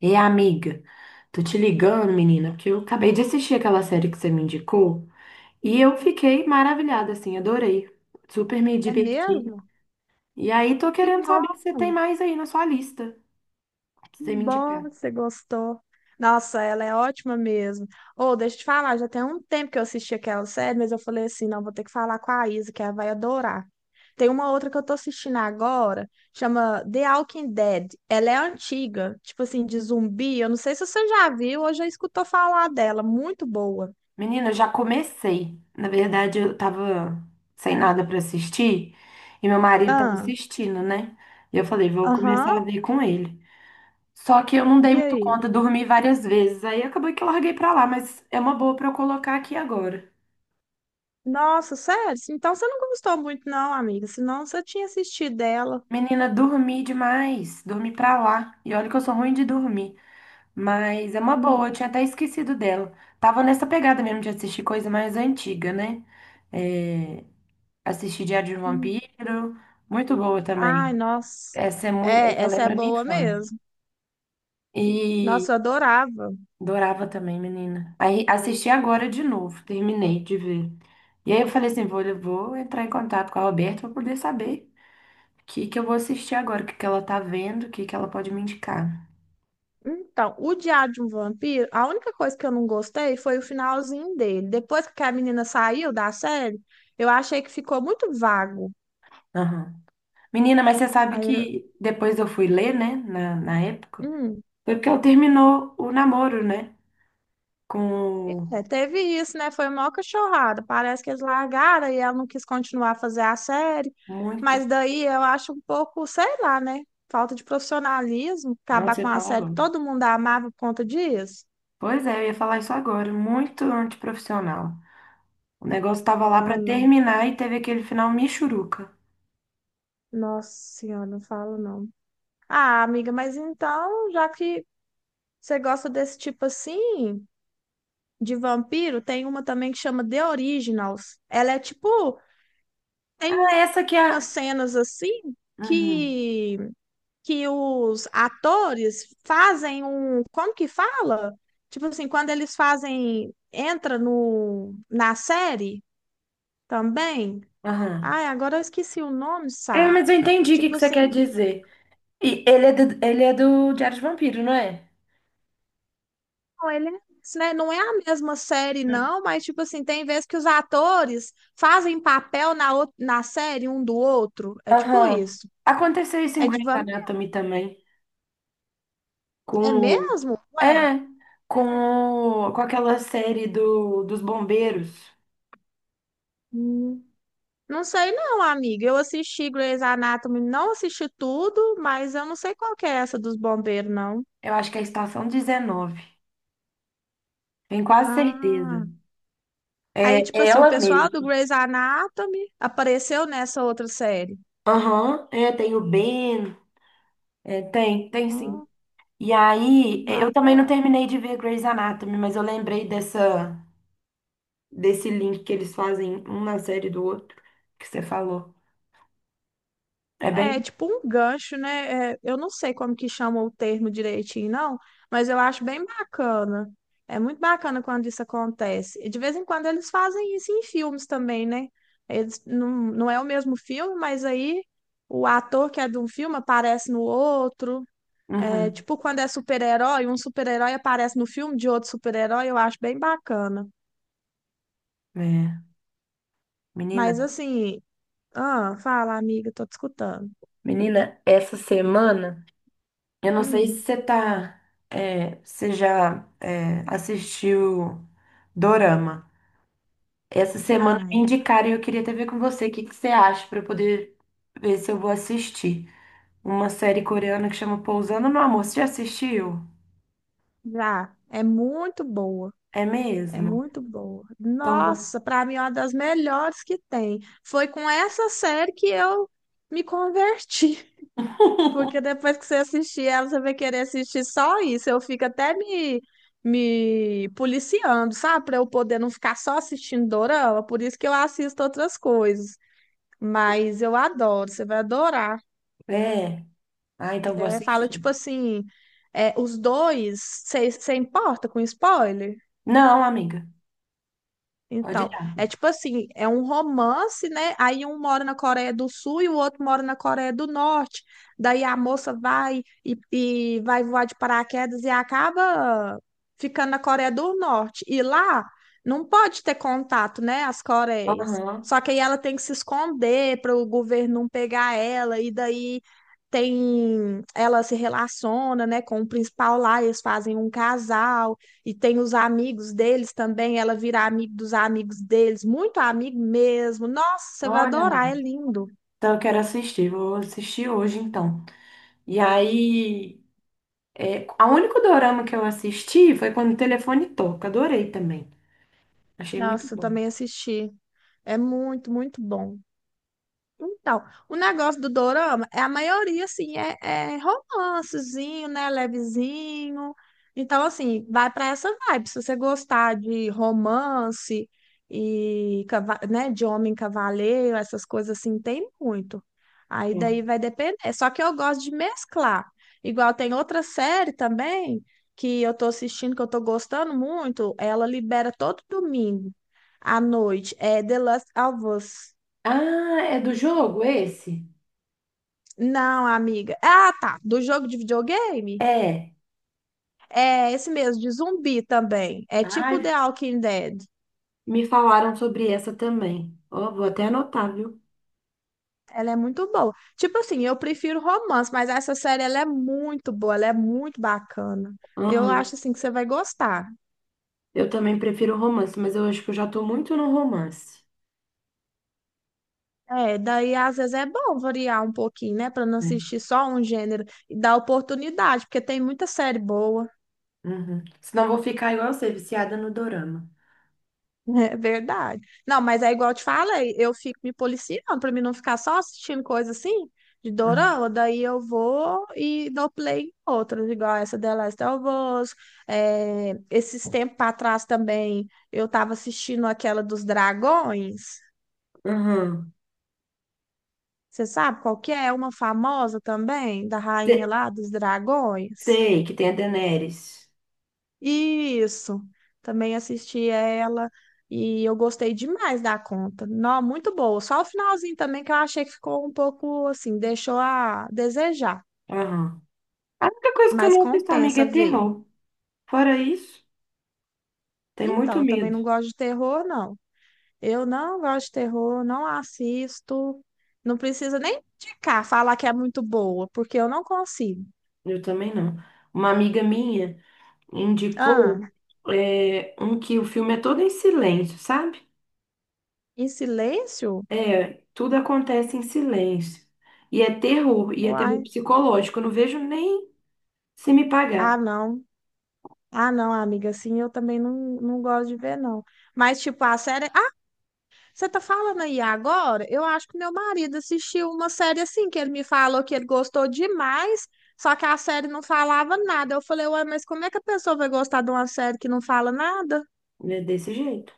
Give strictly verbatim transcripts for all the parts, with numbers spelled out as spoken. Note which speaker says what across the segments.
Speaker 1: E amiga, tô te ligando, menina, porque eu acabei de assistir aquela série que você me indicou e eu fiquei maravilhada, assim, adorei. Super me
Speaker 2: É
Speaker 1: diverti.
Speaker 2: mesmo?
Speaker 1: E aí tô
Speaker 2: Que
Speaker 1: querendo saber
Speaker 2: bom,
Speaker 1: se você tem mais aí na sua lista pra
Speaker 2: que
Speaker 1: você me
Speaker 2: bom
Speaker 1: indicar.
Speaker 2: que você gostou. Nossa, ela é ótima mesmo. Ô, deixa eu te falar, já tem um tempo que eu assisti aquela série, mas eu falei assim, não, vou ter que falar com a Isa, que ela vai adorar. Tem uma outra que eu tô assistindo agora, chama The Walking Dead. Ela é antiga, tipo assim, de zumbi. Eu não sei se você já viu ou já escutou falar dela. Muito boa.
Speaker 1: Menina, eu já comecei. Na verdade, eu tava sem nada pra assistir e meu marido tava
Speaker 2: Ah,
Speaker 1: assistindo, né? E eu falei, vou começar
Speaker 2: aham.
Speaker 1: a ver com ele. Só que eu não dei
Speaker 2: E
Speaker 1: muito
Speaker 2: aí?
Speaker 1: conta, dormi várias vezes. Aí acabou que eu larguei pra lá, mas é uma boa pra eu colocar aqui agora.
Speaker 2: Nossa, sério? Então você não gostou muito, não, amiga. Senão você tinha assistido dela.
Speaker 1: Menina, dormi demais, dormi pra lá. E olha que eu sou ruim de dormir, mas é uma boa, eu tinha até esquecido dela. Tava nessa pegada mesmo de assistir coisa mais antiga, né? É, assisti Diário de um
Speaker 2: Hum.
Speaker 1: Vampiro, muito boa
Speaker 2: Ai,
Speaker 1: também.
Speaker 2: nossa.
Speaker 1: Essa é muito,
Speaker 2: É,
Speaker 1: essa
Speaker 2: essa é
Speaker 1: lembra minha
Speaker 2: boa
Speaker 1: infância.
Speaker 2: mesmo.
Speaker 1: E
Speaker 2: Nossa, eu adorava.
Speaker 1: adorava também, menina. Aí assisti agora de novo, terminei de ver. E aí eu falei assim, vou, eu vou entrar em contato com a Roberta pra poder saber o que que eu vou assistir agora, o que que ela tá vendo, o que que ela pode me indicar.
Speaker 2: Então, o Diário de um Vampiro, a única coisa que eu não gostei foi o finalzinho dele. Depois que a menina saiu da série, eu achei que ficou muito vago.
Speaker 1: Aham. Menina, mas você sabe
Speaker 2: Aí,
Speaker 1: que depois eu fui ler, né, na, na época,
Speaker 2: hum,
Speaker 1: foi porque eu terminou o namoro, né, com
Speaker 2: é, teve isso, né? Foi uma cachorrada. Parece que eles largaram e ela não quis continuar a fazer a série.
Speaker 1: muito...
Speaker 2: Mas daí eu acho um pouco, sei lá, né? Falta de profissionalismo,
Speaker 1: não
Speaker 2: acabar
Speaker 1: sei
Speaker 2: com
Speaker 1: ia
Speaker 2: a
Speaker 1: falar
Speaker 2: série que
Speaker 1: agora.
Speaker 2: todo mundo amava por conta disso.
Speaker 1: Pois é, eu ia falar isso agora, muito antiprofissional. O negócio tava lá
Speaker 2: Ah,
Speaker 1: pra
Speaker 2: não.
Speaker 1: terminar e teve aquele final michuruca.
Speaker 2: Nossa senhora, não falo não. Ah, amiga, mas então, já que você gosta desse tipo assim, de vampiro, tem uma também que chama The Originals. Ela é tipo,
Speaker 1: Ah,
Speaker 2: tem
Speaker 1: essa que é...
Speaker 2: umas
Speaker 1: a-
Speaker 2: cenas assim
Speaker 1: Uhum,
Speaker 2: que que os atores fazem um, como que fala? Tipo assim, quando eles fazem, entra no na série também.
Speaker 1: aham.
Speaker 2: Ai, agora eu esqueci o nome,
Speaker 1: É,
Speaker 2: Sá.
Speaker 1: mas eu entendi o que
Speaker 2: Tipo
Speaker 1: que você quer
Speaker 2: assim,
Speaker 1: dizer. E ele é do, ele é do Diário de Vampiro, não é?
Speaker 2: não, ele é, né? Não é a mesma série,
Speaker 1: Hum.
Speaker 2: não, mas, tipo assim, tem vezes que os atores fazem papel na, ou- na série um do outro. É tipo
Speaker 1: Aham.
Speaker 2: isso.
Speaker 1: Aconteceu isso em
Speaker 2: É de
Speaker 1: Grey's
Speaker 2: vampiro.
Speaker 1: Anatomy também,
Speaker 2: É
Speaker 1: com
Speaker 2: mesmo? Ué.
Speaker 1: É,
Speaker 2: É.
Speaker 1: com, o- com aquela série do, dos bombeiros.
Speaker 2: Hum. Não sei não, amiga. Eu assisti Grey's Anatomy, não assisti tudo, mas eu não sei qual que é essa dos bombeiros, não.
Speaker 1: Eu acho que é a Estação dezenove. Tenho quase certeza.
Speaker 2: Ah. Aí, tipo
Speaker 1: É
Speaker 2: assim, o
Speaker 1: ela
Speaker 2: pessoal do
Speaker 1: mesma.
Speaker 2: Grey's Anatomy apareceu nessa outra série.
Speaker 1: Aham, é, tem o Ben. É, tem, tem sim.
Speaker 2: Ah,
Speaker 1: E aí, é, eu também não
Speaker 2: bacana.
Speaker 1: terminei de ver Grey's Anatomy, mas eu lembrei dessa, desse link que eles fazem um na série do outro, que você falou. É
Speaker 2: É
Speaker 1: bem.
Speaker 2: tipo um gancho, né? É, eu não sei como que chama o termo direitinho, não, mas eu acho bem bacana. É muito bacana quando isso acontece. E de vez em quando eles fazem isso em filmes também, né? Eles, não, não é o mesmo filme, mas aí o ator que é de um filme aparece no outro. É
Speaker 1: Uhum,
Speaker 2: tipo quando é super-herói, um super-herói aparece no filme de outro super-herói, eu acho bem bacana.
Speaker 1: é. Menina,
Speaker 2: Mas assim, ah, fala, amiga, tô te escutando.
Speaker 1: menina, essa semana. Eu não sei se
Speaker 2: Hum,
Speaker 1: você tá, é, você já é, assistiu Dorama. Essa semana me
Speaker 2: ai,
Speaker 1: indicaram e eu queria até ver com você o que que você acha para eu poder ver se eu vou assistir. Uma série coreana que chama Pousando no Amor. Você já assistiu?
Speaker 2: já. É muito boa.
Speaker 1: É
Speaker 2: É
Speaker 1: mesmo?
Speaker 2: muito boa.
Speaker 1: Então vou.
Speaker 2: Nossa, para mim é uma das melhores que tem. Foi com essa série que eu me converti, porque depois que você assistir ela, você vai querer assistir só isso. Eu fico até me me policiando, sabe? Para eu poder não ficar só assistindo dorama, por isso que eu assisto outras coisas. Mas eu adoro, você vai adorar.
Speaker 1: É. Ah, então vou
Speaker 2: É, fala
Speaker 1: assistir.
Speaker 2: tipo assim, é, os dois, você importa com spoiler?
Speaker 1: Não, amiga. Pode
Speaker 2: Então,
Speaker 1: dar.
Speaker 2: é tipo assim, é um romance, né? Aí um mora na Coreia do Sul e o outro mora na Coreia do Norte. Daí a moça vai e, e vai voar de paraquedas e acaba ficando na Coreia do Norte. E lá não pode ter contato, né? As Coreias.
Speaker 1: Aham.
Speaker 2: Só que aí ela tem que se esconder para o governo não pegar ela. E daí tem, ela se relaciona, né, com o principal lá. Eles fazem um casal e tem os amigos deles também, ela vira amigo dos amigos deles, muito amigo mesmo. Nossa, você vai
Speaker 1: Olha,
Speaker 2: adorar, é lindo.
Speaker 1: então eu quero assistir. Vou assistir hoje, então. E aí. É, a único dorama que eu assisti foi quando o telefone toca. Adorei também. Achei muito
Speaker 2: Nossa, eu
Speaker 1: bom.
Speaker 2: também assisti. É muito, muito bom. Então, o negócio do dorama é a maioria, assim, é, é romancezinho, né? Levezinho. Então, assim, vai para essa vibe. Se você gostar de romance e, cava- né, de homem cavaleiro, essas coisas assim, tem muito. Aí
Speaker 1: É.
Speaker 2: daí vai depender. Só que eu gosto de mesclar. Igual tem outra série também que eu tô assistindo, que eu tô gostando muito. Ela libera todo domingo à noite. É The Last of Us.
Speaker 1: Ah, é do jogo esse?
Speaker 2: Não, amiga. Ah, tá. Do jogo de videogame?
Speaker 1: É.
Speaker 2: É esse mesmo, de zumbi também. É tipo
Speaker 1: Ai,
Speaker 2: The Walking Dead.
Speaker 1: me falaram sobre essa também. Ó, vou até anotar, viu?
Speaker 2: Ela é muito boa. Tipo assim, eu prefiro romance, mas essa série ela é muito boa, ela é muito bacana. Eu
Speaker 1: Aham.
Speaker 2: acho assim que você vai gostar.
Speaker 1: Eu também prefiro romance, mas eu acho que eu já tô muito no romance.
Speaker 2: É, daí às vezes é bom variar um pouquinho, né, pra não
Speaker 1: Né?
Speaker 2: assistir só um gênero e dar oportunidade, porque tem muita série boa.
Speaker 1: Uhum. Senão eu vou ficar igual você, viciada no dorama.
Speaker 2: É verdade. Não, mas é igual eu te falei, eu fico me policiando pra mim não ficar só assistindo coisa assim de
Speaker 1: Ah,
Speaker 2: dorama, daí eu vou e dou play em outras, igual essa The Last of Us. É, esses tempos pra trás também eu tava assistindo aquela dos dragões.
Speaker 1: aham.
Speaker 2: Você sabe qual que é? É uma famosa também, da rainha
Speaker 1: Se-
Speaker 2: lá dos dragões.
Speaker 1: Sei que tem a Daenerys.
Speaker 2: Isso, também assisti ela e eu gostei demais da conta. Não, muito boa. Só o finalzinho também que eu achei que ficou um pouco assim, deixou a desejar,
Speaker 1: Aham. A única coisa que eu
Speaker 2: mas
Speaker 1: não assisto, amiga, é
Speaker 2: compensa ver.
Speaker 1: terror. Fora isso, tem
Speaker 2: Então,
Speaker 1: muito
Speaker 2: eu também
Speaker 1: medo.
Speaker 2: não gosto de terror, não. Eu não gosto de terror, não assisto. Não precisa nem indicar, falar que é muito boa, porque eu não consigo.
Speaker 1: Eu também não. Uma amiga minha indicou
Speaker 2: Ah,
Speaker 1: é, um que o filme é todo em silêncio, sabe?
Speaker 2: em silêncio?
Speaker 1: É, tudo acontece em silêncio. E é terror, e é terror
Speaker 2: Uai.
Speaker 1: psicológico. Eu não vejo nem se me
Speaker 2: Ah,
Speaker 1: pagar.
Speaker 2: não. Ah, não, amiga, assim eu também não, não gosto de ver, não. Mas, tipo, a série você tá falando aí agora? Eu acho que meu marido assistiu uma série assim, que ele me falou que ele gostou demais, só que a série não falava nada. Eu falei, ué, mas como é que a pessoa vai gostar de uma série que não fala nada?
Speaker 1: É desse jeito.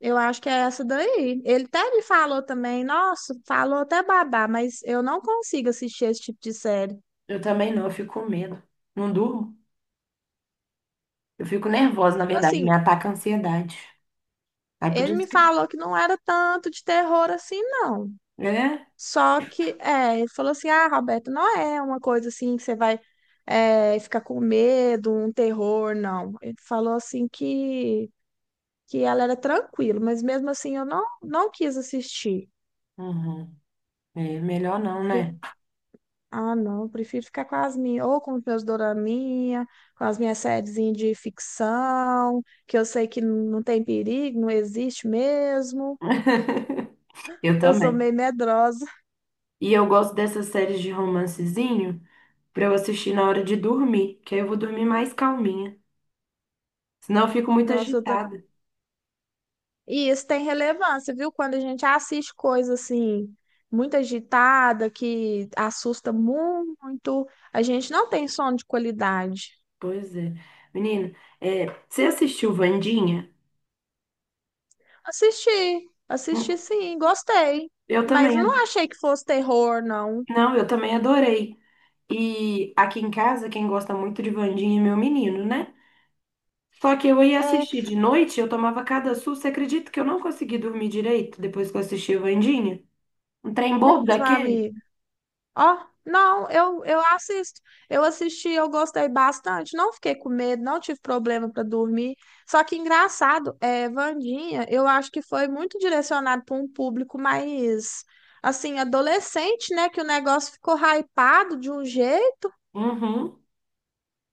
Speaker 2: Eu acho que é essa daí. Ele até me falou também, nossa, falou até babá, mas eu não consigo assistir esse tipo de série.
Speaker 1: Eu também não, eu fico com medo. Não durmo. Eu fico nervosa, na
Speaker 2: Tipo
Speaker 1: verdade, me
Speaker 2: assim,
Speaker 1: ataca a ansiedade. Aí por
Speaker 2: ele me
Speaker 1: isso que.
Speaker 2: falou que não era tanto de terror assim, não.
Speaker 1: É?
Speaker 2: Só que, é, ele falou assim: ah, Roberto, não é uma coisa assim que você vai é, ficar com medo, um terror, não. Ele falou assim que, que ela era tranquila, mas mesmo assim eu não, não quis assistir.
Speaker 1: Uhum. É melhor não,
Speaker 2: Pre-
Speaker 1: né?
Speaker 2: ah, não, prefiro ficar com as minhas, ou com os meus doraminha, com as minhas sériezinhas de ficção, que eu sei que não tem perigo, não existe mesmo.
Speaker 1: Eu
Speaker 2: Eu sou
Speaker 1: também.
Speaker 2: meio medrosa.
Speaker 1: E eu gosto dessas séries de romancezinho pra eu assistir na hora de dormir, que aí eu vou dormir mais calminha. Senão eu fico muito
Speaker 2: Nossa, eu
Speaker 1: agitada.
Speaker 2: e isso tem relevância, viu? Quando a gente assiste coisa assim, muito agitada, que assusta muito, a gente não tem sono de qualidade.
Speaker 1: Pois é. Menina, é, você assistiu Wandinha?
Speaker 2: Assisti,
Speaker 1: Hum,
Speaker 2: assisti sim, gostei.
Speaker 1: Eu
Speaker 2: Mas
Speaker 1: também. ad-
Speaker 2: não achei que fosse terror, não.
Speaker 1: Não, eu também adorei. E aqui em casa, quem gosta muito de Wandinha é meu menino, né? Só que eu ia
Speaker 2: É
Speaker 1: assistir de noite, eu tomava cada susto. Você acredita que eu não consegui dormir direito depois que eu assisti a Wandinha? Um trem bobo
Speaker 2: mesmo,
Speaker 1: daquele?
Speaker 2: amigo. Ó, não, eu, eu assisto. Eu assisti, eu gostei bastante. Não fiquei com medo, não tive problema para dormir. Só que engraçado, é, Wandinha, eu acho que foi muito direcionado para um público mais, assim, adolescente, né? Que o negócio ficou hypado de um jeito.
Speaker 1: Uhum.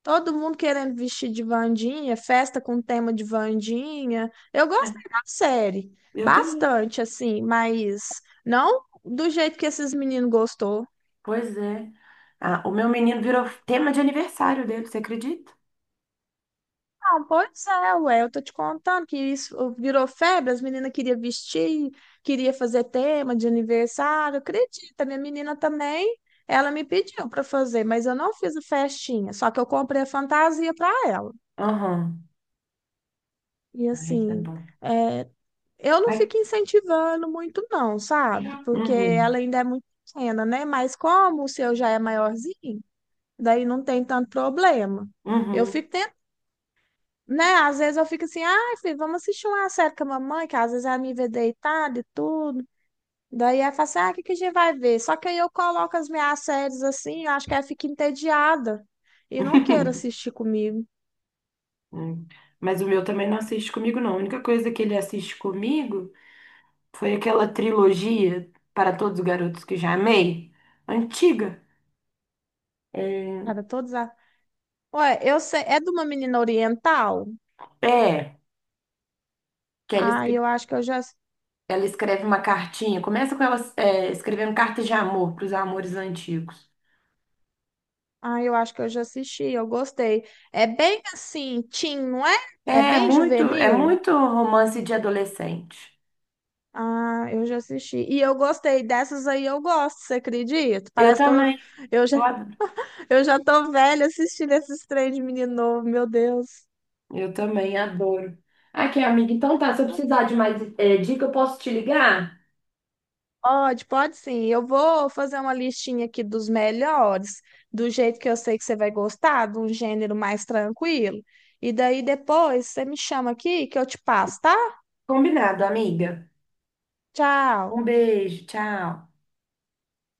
Speaker 2: Todo mundo querendo vestir de Wandinha, festa com tema de Wandinha. Eu
Speaker 1: É,
Speaker 2: gostei da série,
Speaker 1: eu também.
Speaker 2: bastante, assim, mas não do jeito que esses meninos gostou.
Speaker 1: Pois é. Ah, o meu menino virou tema de aniversário dele, você acredita?
Speaker 2: Não, pois é, ué, eu tô te contando que isso virou febre, as meninas queriam vestir, queria fazer tema de aniversário, acredita, minha menina também, ela me pediu para fazer, mas eu não fiz a festinha, só que eu comprei a fantasia para ela.
Speaker 1: Aham.
Speaker 2: E
Speaker 1: Ai, tá
Speaker 2: assim,
Speaker 1: bom.
Speaker 2: é, eu não
Speaker 1: Ai.
Speaker 2: fico incentivando muito não, sabe? Porque
Speaker 1: Uhum.
Speaker 2: ela ainda é muito pequena, né? Mas como o seu já é maiorzinho, daí não tem tanto problema. Eu
Speaker 1: Uhum.
Speaker 2: fico né? Às vezes eu fico assim, ai, filho, vamos assistir uma série com a mamãe, que às vezes ela me vê deitada e tudo. Daí ela fala assim, ah, o que que a gente vai ver? Só que aí eu coloco as minhas séries assim, eu acho que ela fica entediada e não quer assistir comigo.
Speaker 1: Hum. Mas o meu também não assiste comigo, não. A única coisa que ele assiste comigo foi aquela trilogia Para Todos os Garotos que Já Amei, antiga. É,
Speaker 2: Era todas a... Ué, eu sei, é de uma menina oriental?
Speaker 1: é, que ela,
Speaker 2: Ah,
Speaker 1: escre-
Speaker 2: eu acho que eu já,
Speaker 1: ela escreve uma cartinha. Começa com ela, é, escrevendo cartas de amor para os amores antigos.
Speaker 2: ah, eu acho que eu já assisti, eu gostei. É bem assim, teen, não é? É
Speaker 1: É
Speaker 2: bem
Speaker 1: muito, é
Speaker 2: juvenil?
Speaker 1: muito romance de adolescente.
Speaker 2: Ah, eu já assisti. E eu gostei dessas aí, eu gosto, você acredita?
Speaker 1: Eu
Speaker 2: Parece que eu
Speaker 1: também,
Speaker 2: eu já
Speaker 1: eu adoro.
Speaker 2: Eu já tô velha assistindo esses trem de menino novo, meu Deus.
Speaker 1: Eu também adoro. Aqui, amiga, então tá. Se eu precisar de mais eh, dica, eu posso te ligar?
Speaker 2: Pode, pode sim. Eu vou fazer uma listinha aqui dos melhores, do jeito que eu sei que você vai gostar, de um gênero mais tranquilo. E daí depois você me chama aqui que eu te passo, tá?
Speaker 1: Combinado, amiga.
Speaker 2: Tchau.
Speaker 1: Um beijo, tchau.